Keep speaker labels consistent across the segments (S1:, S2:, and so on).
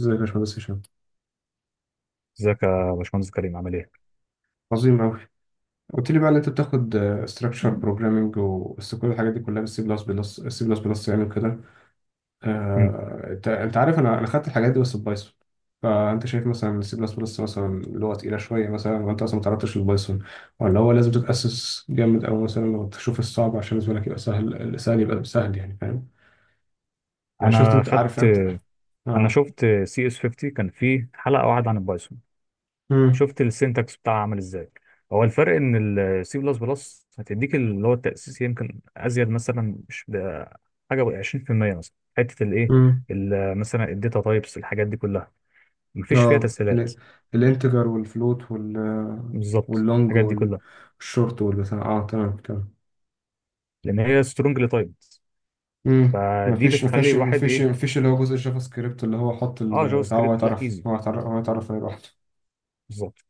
S1: ازيك يا باشمهندس هشام،
S2: ازيك يا باشمهندس كريم، عامل ايه؟
S1: عظيم أوي. قلت لي بقى إن أنت بتاخد ستراكشر بروجرامنج وبس، كل الحاجات دي كلها بالسي بلس بلس، السي بلس بلس يعني وكده.
S2: مم.
S1: أنت عارف، أنا خدت الحاجات دي بس ببايثون. فأنت شايف مثلا السي بلس بلس مثلا لغة تقيلة شوية مثلا، وأنت أصلا ما تعرضتش للبايثون، ولا هو لازم تتأسس جامد؟ أو مثلا لو تشوف الصعب عشان بالنسبة لك يبقى سهل، يعني فاهم يعني؟ شفت
S2: انا
S1: أنت عارف
S2: خدت
S1: أنت.
S2: انا
S1: آه.
S2: شفت سي اس 50، كان فيه حلقه واحده عن البايثون.
S1: مم.
S2: شفت السينتاكس بتاعها عامل ازاي. هو الفرق ان السي بلس بلس هتديك اللي هو التاسيس، يمكن ازيد مثلا، مش ب- حاجه 20% مثلا، حته الايه،
S1: مم.
S2: مثلا الداتا تايبس، الحاجات دي كلها مفيش فيها
S1: اه،
S2: تسهيلات.
S1: الانتجر والفلوت وال،
S2: بالظبط،
S1: واللونج
S2: الحاجات دي كلها،
S1: والشورت والبتاع. اه، تمام تمام.
S2: لان هي سترونجلي تايبد.
S1: امم،
S2: فدي بتخلي الواحد ايه،
S1: مفيش اللي هو جزء الجافا سكريبت اللي هو حط
S2: اه، جافا
S1: البتاع،
S2: سكريبت لا، ايزي.
S1: هو يتعرف عليه لوحده.
S2: بالظبط.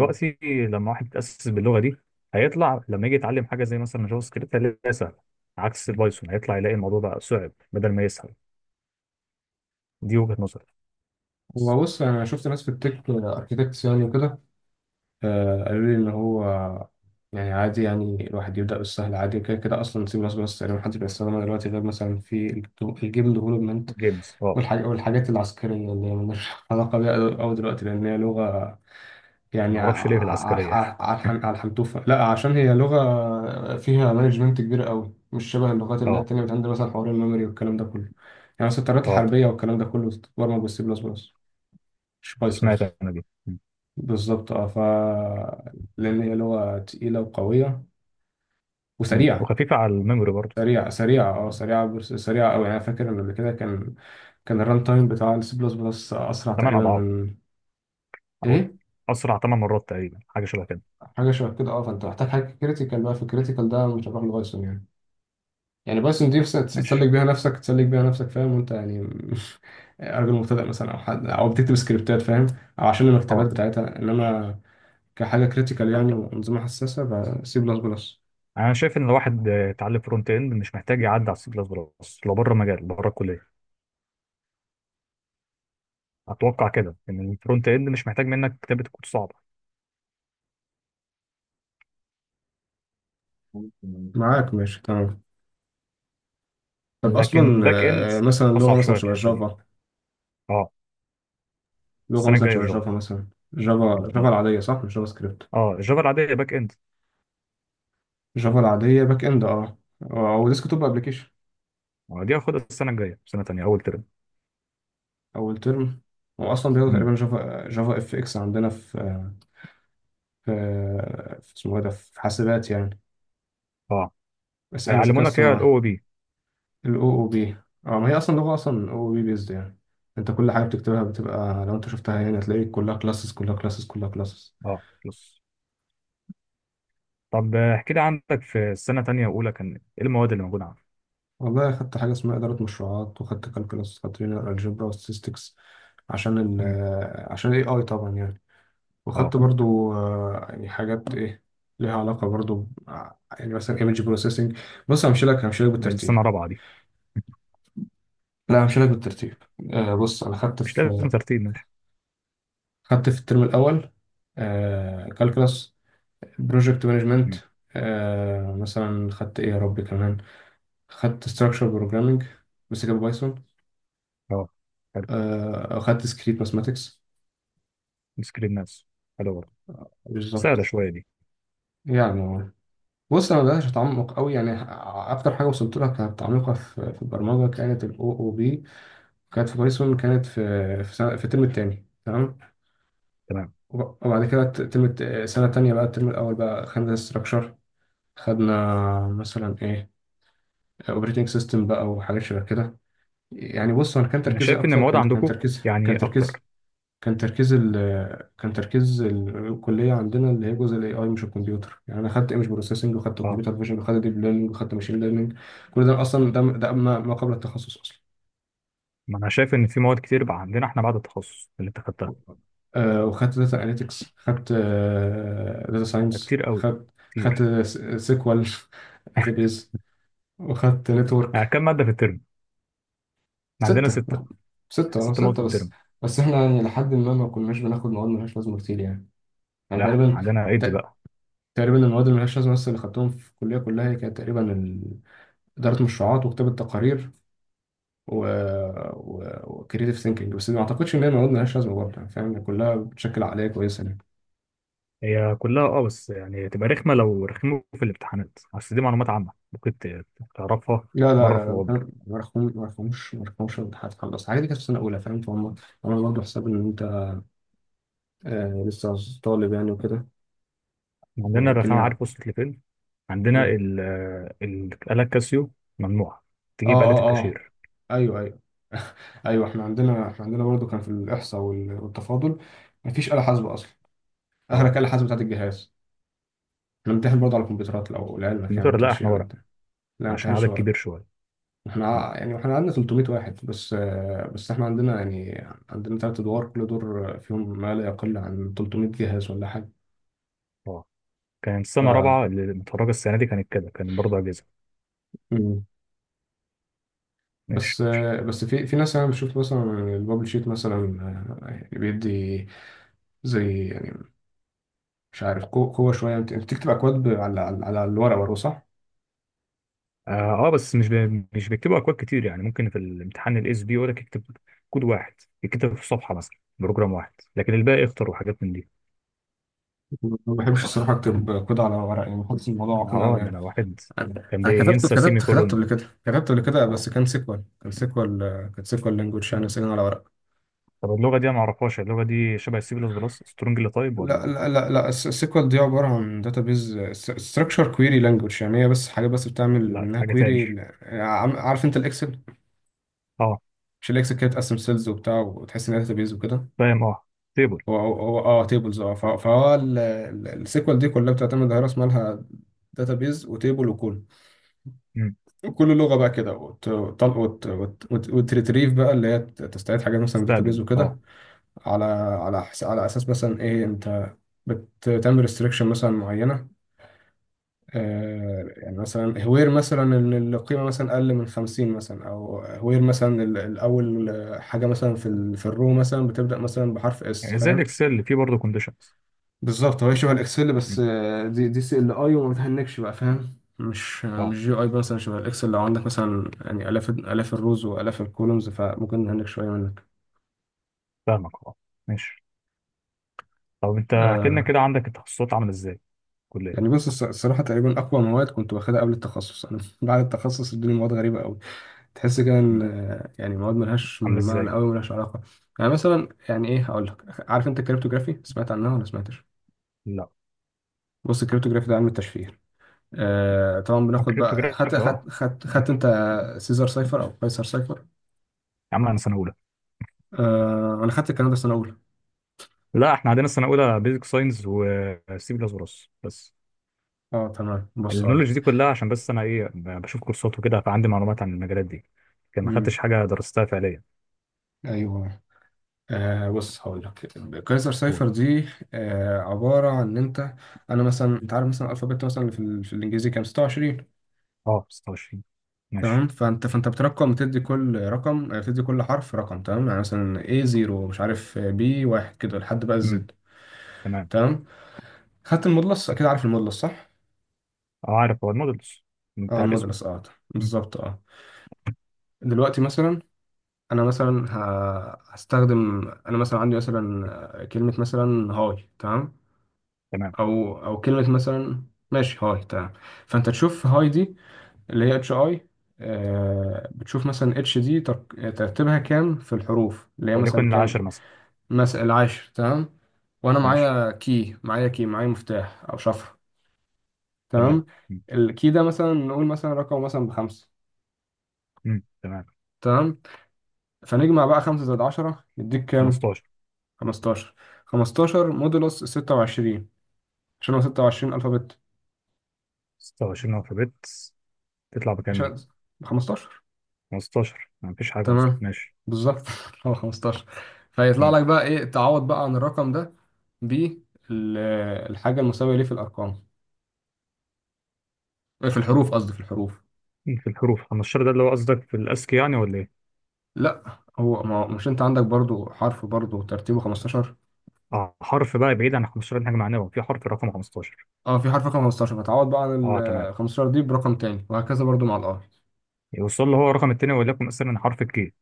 S1: اه.
S2: لما واحد يتأسس باللغة دي، هيطلع لما يجي يتعلم حاجة زي مثلا جافا سكريبت هيلاقيها سهلة. عكس البايثون، هيطلع يلاقي الموضوع بقى صعب بدل ما يسهل. دي وجهة نظري بس.
S1: هو بص، انا شفت ناس في التك اركيتكتس يعني وكده، قالوا لي ان هو يعني عادي، يعني الواحد يبدا بالسهل عادي، كده كده اصلا سي بلس بلس تقريبا محدش بيستخدمها دلوقتي غير مثلا في الجيم ديفلوبمنت.
S2: جيمز، اه.
S1: والحاجات العسكرية اللي هي ملهاش علاقة بيها أوي دلوقتي، لأن هي لغة يعني
S2: ما اعرفش ليه في العسكرية
S1: على الحنتوفة. لا، عشان هي لغة فيها مانجمنت كبير أوي، مش شبه اللغات اللي هي
S2: اه.
S1: التانية، بتعمل مثلا حوار الميموري والكلام ده كله. يعني مثلا الطيارات
S2: اه.
S1: الحربية والكلام ده كله بتتبرمج بالسي بلس بلس، مش بايثون.
S2: سمعت انا دي م.
S1: بالظبط، اه ف لأن هي لغة تقيلة وقوية
S2: م.
S1: وسريعة.
S2: وخفيفة على الميموري برضه.
S1: سريعة سريعة أوي. يعني أنا فاكر إن قبل كده كان الران تايم بتاع السي بلس بلس أسرع
S2: ثمان
S1: تقريبا
S2: اضعاف،
S1: من.
S2: او
S1: إيه؟
S2: اسرع ثمان مرات تقريبا، حاجة شبه كده.
S1: حاجه شبه كده، اه. فانت محتاج حاجه كريتيكال بقى، في الكريتيكال ده مش هتروح لبايثون يعني. يعني بايثون دي بس تسلك
S2: ماشي.
S1: بيها نفسك، فاهم وانت يعني؟ راجل مبتدئ مثلا، او حد او بتكتب سكريبتات فاهم، او عشان المكتبات
S2: اه،
S1: بتاعتها. انما كحاجه كريتيكال يعني، وانظمه حساسه، بسي بلس بلس.
S2: انا شايف ان الواحد، يتعلم فرونت اند مش محتاج يعدي على السي بلس بلس، لو بره مجال بره الكلية. اتوقع كده ان الفرونت اند مش محتاج منك كتابه كود صعبه.
S1: ممكن، معاك ماشي تمام. طب اصلا،
S2: لكن باك اند
S1: مثلا لغه
S2: اصعب
S1: مثلا
S2: شويه في
S1: شبه
S2: الحته دي.
S1: جافا.
S2: اه.
S1: لغه
S2: السنه
S1: مثلا
S2: الجايه
S1: شبه
S2: جافا.
S1: جافا مثلا جافا جافا
S2: مم.
S1: العاديه صح، مش جافا سكريبت.
S2: اه، الجافا العاديه باك اند.
S1: جافا العاديه باك اند اه. او ديسك توب ابلكيشن.
S2: دي هاخدها السنه الجايه، سنه تانيه اول ترم.
S1: اول ترم. هو اصلا بياخدوا
S2: مم.
S1: تقريبا جافا جافا اف اكس عندنا في، في, في اسمه ايه ده، في حاسبات يعني.
S2: اه،
S1: بس انا ذكاء
S2: هيعلمونا فيها
S1: اصطناعي.
S2: الاو بي.
S1: الاو او بي. اه، ما هي اصلا لغه، اصلا او بي بيزد يعني. انت كل حاجه بتكتبها بتبقى، لو انت شفتها يعني هتلاقي كلها كلاسز، كلها كلاسز، كلها كلاسز.
S2: اه بلس. طب، احكي لي، عندك في السنه تانيه واولى كان ايه المواد اللي موجوده عندك؟
S1: والله خدت حاجه اسمها اداره مشروعات، وخدت كالكولاس، خدت لينير الجبرا وستاتستكس عشان ال
S2: مم.
S1: عشان الاي اي طبعا يعني.
S2: اه.
S1: وخدت برضو، يعني حاجات ايه ليها علاقة برضو يعني مثلا ايمج بروسيسنج. بص، همشي لك
S2: دي السنه
S1: بالترتيب.
S2: الرابعه دي؟
S1: لا، همشي لك بالترتيب. بص انا خدت
S2: مش
S1: في،
S2: لازم ترتيب، ماشي.
S1: خدت في الترم الاول كالكلاس، بروجكت مانجمنت.
S2: مم.
S1: مثلا خدت ايه يا ربي كمان؟ خدت ستراكشر بروجرامنج بس كان بايثون.
S2: اه. حلو.
S1: خدت سكريت ماثماتكس.
S2: سكرين ناس. حلو برضه.
S1: بالظبط.
S2: سهله شويه دي.
S1: يعني هو- بص انا مبقاش اتعمق قوي يعني. اكتر حاجه وصلت لها كانت تعميقها في البرمجه كانت الاو او بي. كانت في بايثون، كانت سنة، في الترم التاني تمام.
S2: تمام.
S1: وبعد كده سنة تانية بقى، الترم الأول بقى خدنا ستراكشر. خدنا مثلا إيه، أوبريتنج سيستم بقى وحاجات شبه كده. يعني بص، أنا كان
S2: انا
S1: تركيزي
S2: شايف ان
S1: أكتر،
S2: المواد
S1: كان كان
S2: عندكم
S1: تركيز
S2: يعني
S1: كان
S2: اكتر.
S1: تركيز كان تركيز ال كان تركيز الكلية عندنا اللي هي جزء الاي اي، مش الكمبيوتر يعني. انا خدت ايمج بروسيسنج، وخدت
S2: اه،
S1: كمبيوتر فيجن، وخدت ديب ليرنينج، وخدت ماشين ليرنينج. كل ده اصلا ده ده ما ما قبل التخصص اصلا.
S2: ما انا شايف ان في مواد كتير بقى عندنا احنا بعد التخصص اللي انت خدتها.
S1: وخدت داتا اناليتكس، خدت داتا ساينس،
S2: كتير قوي.
S1: خدت
S2: كتير.
S1: سيكوال، داتابيز، وخدت
S2: يعني
S1: نتورك.
S2: كم ماده في الترم؟ احنا عندنا
S1: ستة
S2: سته.
S1: ستة، اه
S2: ست مواد في
S1: ستة بس.
S2: الترم.
S1: بس احنا يعني لحد ما، كناش بناخد مواد ملهاش لازمة كتير يعني. يعني
S2: لا،
S1: تقريبا،
S2: عندنا ايدي
S1: ت-
S2: بقى.
S1: تقريبا المواد اللي ملهاش لازمة بس اللي خدتهم في الكلية كلها، هي كانت تقريبا إدارة مشروعات، وكتابة تقارير، و و وكريتيف ثينكينج. بس ما اعتقدش ان هي مواد ملهاش لازمة برضه يعني، فاهم يعني؟ كلها بتشكل عقلية كويسة يعني.
S2: هي كلها اه، بس يعني تبقى رخمه لو رخموا في الامتحانات، اصل دي معلومات عامه ممكن تعرفها.
S1: لا لا
S2: مره
S1: لا
S2: في
S1: لا، ما
S2: العمر.
S1: كان- ما رقمش ما رقمش ما رقمش الامتحانات خلاص، الحاجات دي كانت في سنة أولى، فاهم فهم. عملوا برضه حساب إن أنت، لسه طالب يعني وكده.
S2: عندنا الرخامه
S1: والدنيا.
S2: عارف وصلت لفين؟ عندنا
S1: إيه.
S2: الآلة الكاسيو ممنوعة،
S1: آه
S2: تجيب آلة
S1: آه آه.
S2: الكاشير.
S1: أيوه أيوه. أيوه، إحنا عندنا، إحنا عندنا برضه كان في الإحصاء والتفاضل، مفيش آلة حاسبة أصلا.
S2: اه.
S1: آخرك آلة حاسبة بتاعت الجهاز. إحنا بنمتحن برضه على الكمبيوترات لو لعلمك يعني، ما
S2: الكمبيوتر لا،
S1: بنمتحنش
S2: احنا
S1: يعني،
S2: ورق.
S1: أنت لا. ما
S2: عشان
S1: بنمتحنش
S2: عدد
S1: ورق.
S2: كبير شوية.
S1: إحنا
S2: مم.
S1: يعني إحنا عندنا 300 واحد بس. آه بس إحنا عندنا يعني، عندنا تلات أدوار، كل دور فيهم ما لا يقل عن 300 جهاز ولا حاجة.
S2: اه، كانت
S1: ف.
S2: سنة رابعة اللي متخرجة السنة دي كانت كده، كان برضه أجهزة.
S1: مم.
S2: ماشي.
S1: بس بس في ناس، انا بشوف مثلا البابل شيت مثلا، يعني بيدي زي يعني، مش عارف قوه شويه. انت أنت بتكتب اكواد على على الورق برضه صح؟
S2: اه، بس مش بيكتبوا اكواد كتير. يعني ممكن في الامتحان الاس بي يقول لك اكتب كود واحد، يكتب في صفحه مثلا بروجرام واحد، لكن الباقي اختر وحاجات من دي.
S1: ما بحبش الصراحه اكتب كود على ورق يعني، بحس الموضوع
S2: انا
S1: عقيم
S2: اه،
S1: قوي
S2: ده
S1: يعني.
S2: انا واحد. كان
S1: أنا
S2: بينسى سيمي
S1: كتبت
S2: كولون.
S1: قبل كده،
S2: اه.
S1: بس كان سيكوال. كان سيكوال لانجوج يعني، سيكوال على ورق.
S2: طب اللغه دي انا ما اعرفهاش، اللغه دي شبه السي بلس بلس سترونج اللي طيب،
S1: لا
S2: ولا؟
S1: لا لا لا، السيكوال دي عباره عن داتابيز، ستراكشر كويري لانجوج يعني، هي بس حاجه بس بتعمل
S2: لا، دي
S1: منها
S2: حاجه تاني
S1: كويري. عارف انت الاكسل؟
S2: اه.
S1: مش الاكسل كده بتقسم سيلز وبتاع، وتحس ان بيز وكده؟
S2: فاهم اه. تيبل.
S1: هو اه، تيبلز اه، فهو السيكوال دي كلها بتعتمد على راس مالها، بيز وتيبل، وكل، وكل لغه بقى كده. وتريتريف بقى، اللي هي تستعيد حاجات مثلا من بيز
S2: استقبل اه.
S1: وكده، على، على على اساس مثلا ايه انت بتعمل ريستريكشن مثلا معينه، يعني مثلا هوير مثلا ان القيمه مثلا اقل من 50 مثلا، او هوير مثلا الاول حاجه مثلا في الرو مثلا بتبدا مثلا بحرف اس،
S2: يعني زي
S1: فاهم؟
S2: الاكسل اللي فيه برضه كونديشنز؟
S1: بالظبط، هو شبه الاكسل بس، دي دي سي ال اي، وما بتهنكش بقى فاهم.
S2: اه.
S1: مش جي اي مثلا شبه الاكسل لو عندك مثلا يعني الاف الاف الروز والاف الكولومز، فممكن نهنك شويه منك.
S2: فاهمك اه. ماشي. طب انت احكي لنا
S1: آه.
S2: كده، عندك التخصصات عامله ازاي؟ كليه.
S1: يعني بص، الصراحه تقريبا اقوى مواد كنت واخدها قبل التخصص انا. بعد التخصص الدنيا مواد غريبه قوي. تحس كده ان،
S2: مم.
S1: يعني مواد ملهاش
S2: عامله
S1: معنى
S2: ازاي؟
S1: قوي، ملهاش علاقه. يعني مثلا، يعني ايه، هقول لك. عارف انت الكريپتوغرافي، سمعت عنها ولا سمعتش؟
S2: لا.
S1: بص الكريپتوغرافي ده علم التشفير. آه طبعا بناخد بقى،
S2: كريبتوجرافي اه.
S1: خدت
S2: ماشي.
S1: انت سيزار سايفر او قيصر سايفر.
S2: يا عم انا سنه اولى.
S1: انا خدت الكلام ده سنه اولى.
S2: لا احنا عندنا سنه اولى بيزك ساينس وسي بلس بلس بس.
S1: اه تمام، بص هقول لك.
S2: النولج دي كلها عشان بس انا ايه، بشوف كورسات وكده، فعندي معلومات عن المجالات دي، لكن ما
S1: امم.
S2: خدتش حاجه درستها فعليا.
S1: ايوه. بص هقول لك. قيصر
S2: قول.
S1: سايفر دي، عباره عن ان انت، انا مثلا. انت عارف مثلا الالفابت مثلا اللي في الانجليزي كام؟ 26.
S2: اه، 26. ماشي.
S1: تمام. فانت بترقم، بتدي كل حرف رقم. تمام، يعني مثلا A 0 مش عارف، B واحد، كده لحد بقى
S2: امم.
S1: الزد.
S2: تمام.
S1: تمام. خدت المودلس؟ اكيد عارف المودلس صح.
S2: اه عارف، هو المودلز
S1: اه
S2: بتاع الاسم.
S1: المودلس اه.
S2: امم.
S1: بالظبط اه. دلوقتي مثلا، انا مثلا هستخدم، انا مثلا عندي مثلا، كلمة مثلا هاي تمام.
S2: تمام.
S1: او كلمة مثلا، ماشي، هاي تمام. فانت تشوف هاي دي، اللي هي اتش اي، بتشوف مثلا اتش دي ترتيبها كام في الحروف اللي هي مثلا
S2: وليكن
S1: كام؟
S2: العاشر مثلا.
S1: مثلا العاشر، تمام. وانا
S2: ماشي.
S1: معايا كي، معايا مفتاح او شفره.
S2: تمام.
S1: تمام.
S2: امم.
S1: الكي ده مثلا نقول مثلا رقم مثلا بخمسة.
S2: تمام.
S1: تمام. فنجمع بقى، خمسة زائد 10 يديك كام؟
S2: 15.
S1: 15. خمستاشر مودولوس 26، عشان هو 26 ألفابت.
S2: 26 الفابت، تطلع بكام
S1: مش
S2: دي؟
S1: 15.
S2: 15، ما فيش حاجه اصلا.
S1: تمام،
S2: ماشي.
S1: بالظبط. هو 15. فيطلع لك بقى، ايه، تعوض بقى عن الرقم ده بالحاجة المساوية ليه في الأرقام، إيه، في الحروف قصدي، في الحروف.
S2: في الحروف 15 ده، اللي هو قصدك في الأسكي يعني ولا إيه؟
S1: لا، هو ما مش، انت عندك برضو حرف برضو ترتيبه 15.
S2: آه، حرف بقى، بعيد عن 15 دي، حاجة معنوية، في حرف رقم 15.
S1: اه، في حرف رقم 15، فتعوض بقى عن
S2: أه تمام.
S1: ال 15 دي برقم تاني، وهكذا برضو مع الار.
S2: يوصل له هو الرقم التاني، وليكن مثلا حرف الكي.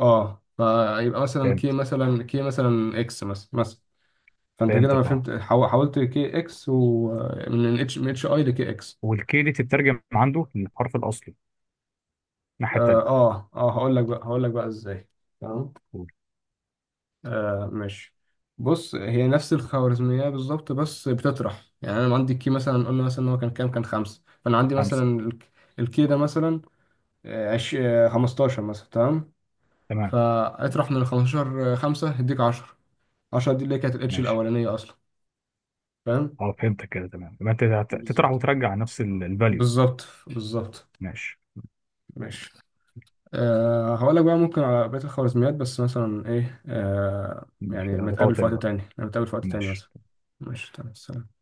S1: اه، فيبقى مثلا كي،
S2: فهمت.
S1: مثلا اكس مثلا فانت كده ما
S2: فهمتك أه.
S1: فهمت، حولت كي اكس، ومن اتش، من اتش اي لكي اكس.
S2: والكي دي تترجم عنده للحرف الأصلي الناحية التانية.
S1: هقول لك بقى، ازاي. تمام.
S2: قول.
S1: ماشي. بص هي نفس الخوارزمية بالظبط، بس بتطرح يعني. أنا لما عندي الكي مثلا، قلنا مثلا إن هو كان كام، كان خمسة، فأنا عندي
S2: خمسة.
S1: مثلا الكي ده مثلا، آه، عش... آه، 15 مثلا تمام.
S2: تمام.
S1: فاطرح من ال 15 خمسة، هيديك 10. 10 دي اللي هي كانت الاتش
S2: ماشي.
S1: الأولانية أصلا، فاهم.
S2: أه فهمتك كده، تمام. يبقى أنت تطرح
S1: بالظبط
S2: وترجع نفس الفاليو.
S1: بالظبط بالظبط.
S2: ماشي.
S1: ماشي. هقول لك بقى ممكن على بقية الخوارزميات بس. مثلا إيه،
S2: ماشي،
S1: يعني ما
S2: لقاء
S1: تقابل في
S2: تاني
S1: وقت
S2: بقى.
S1: تاني، نتقابل في وقت تاني
S2: ماشي.
S1: مثلا. ماشي، تمام، سلام.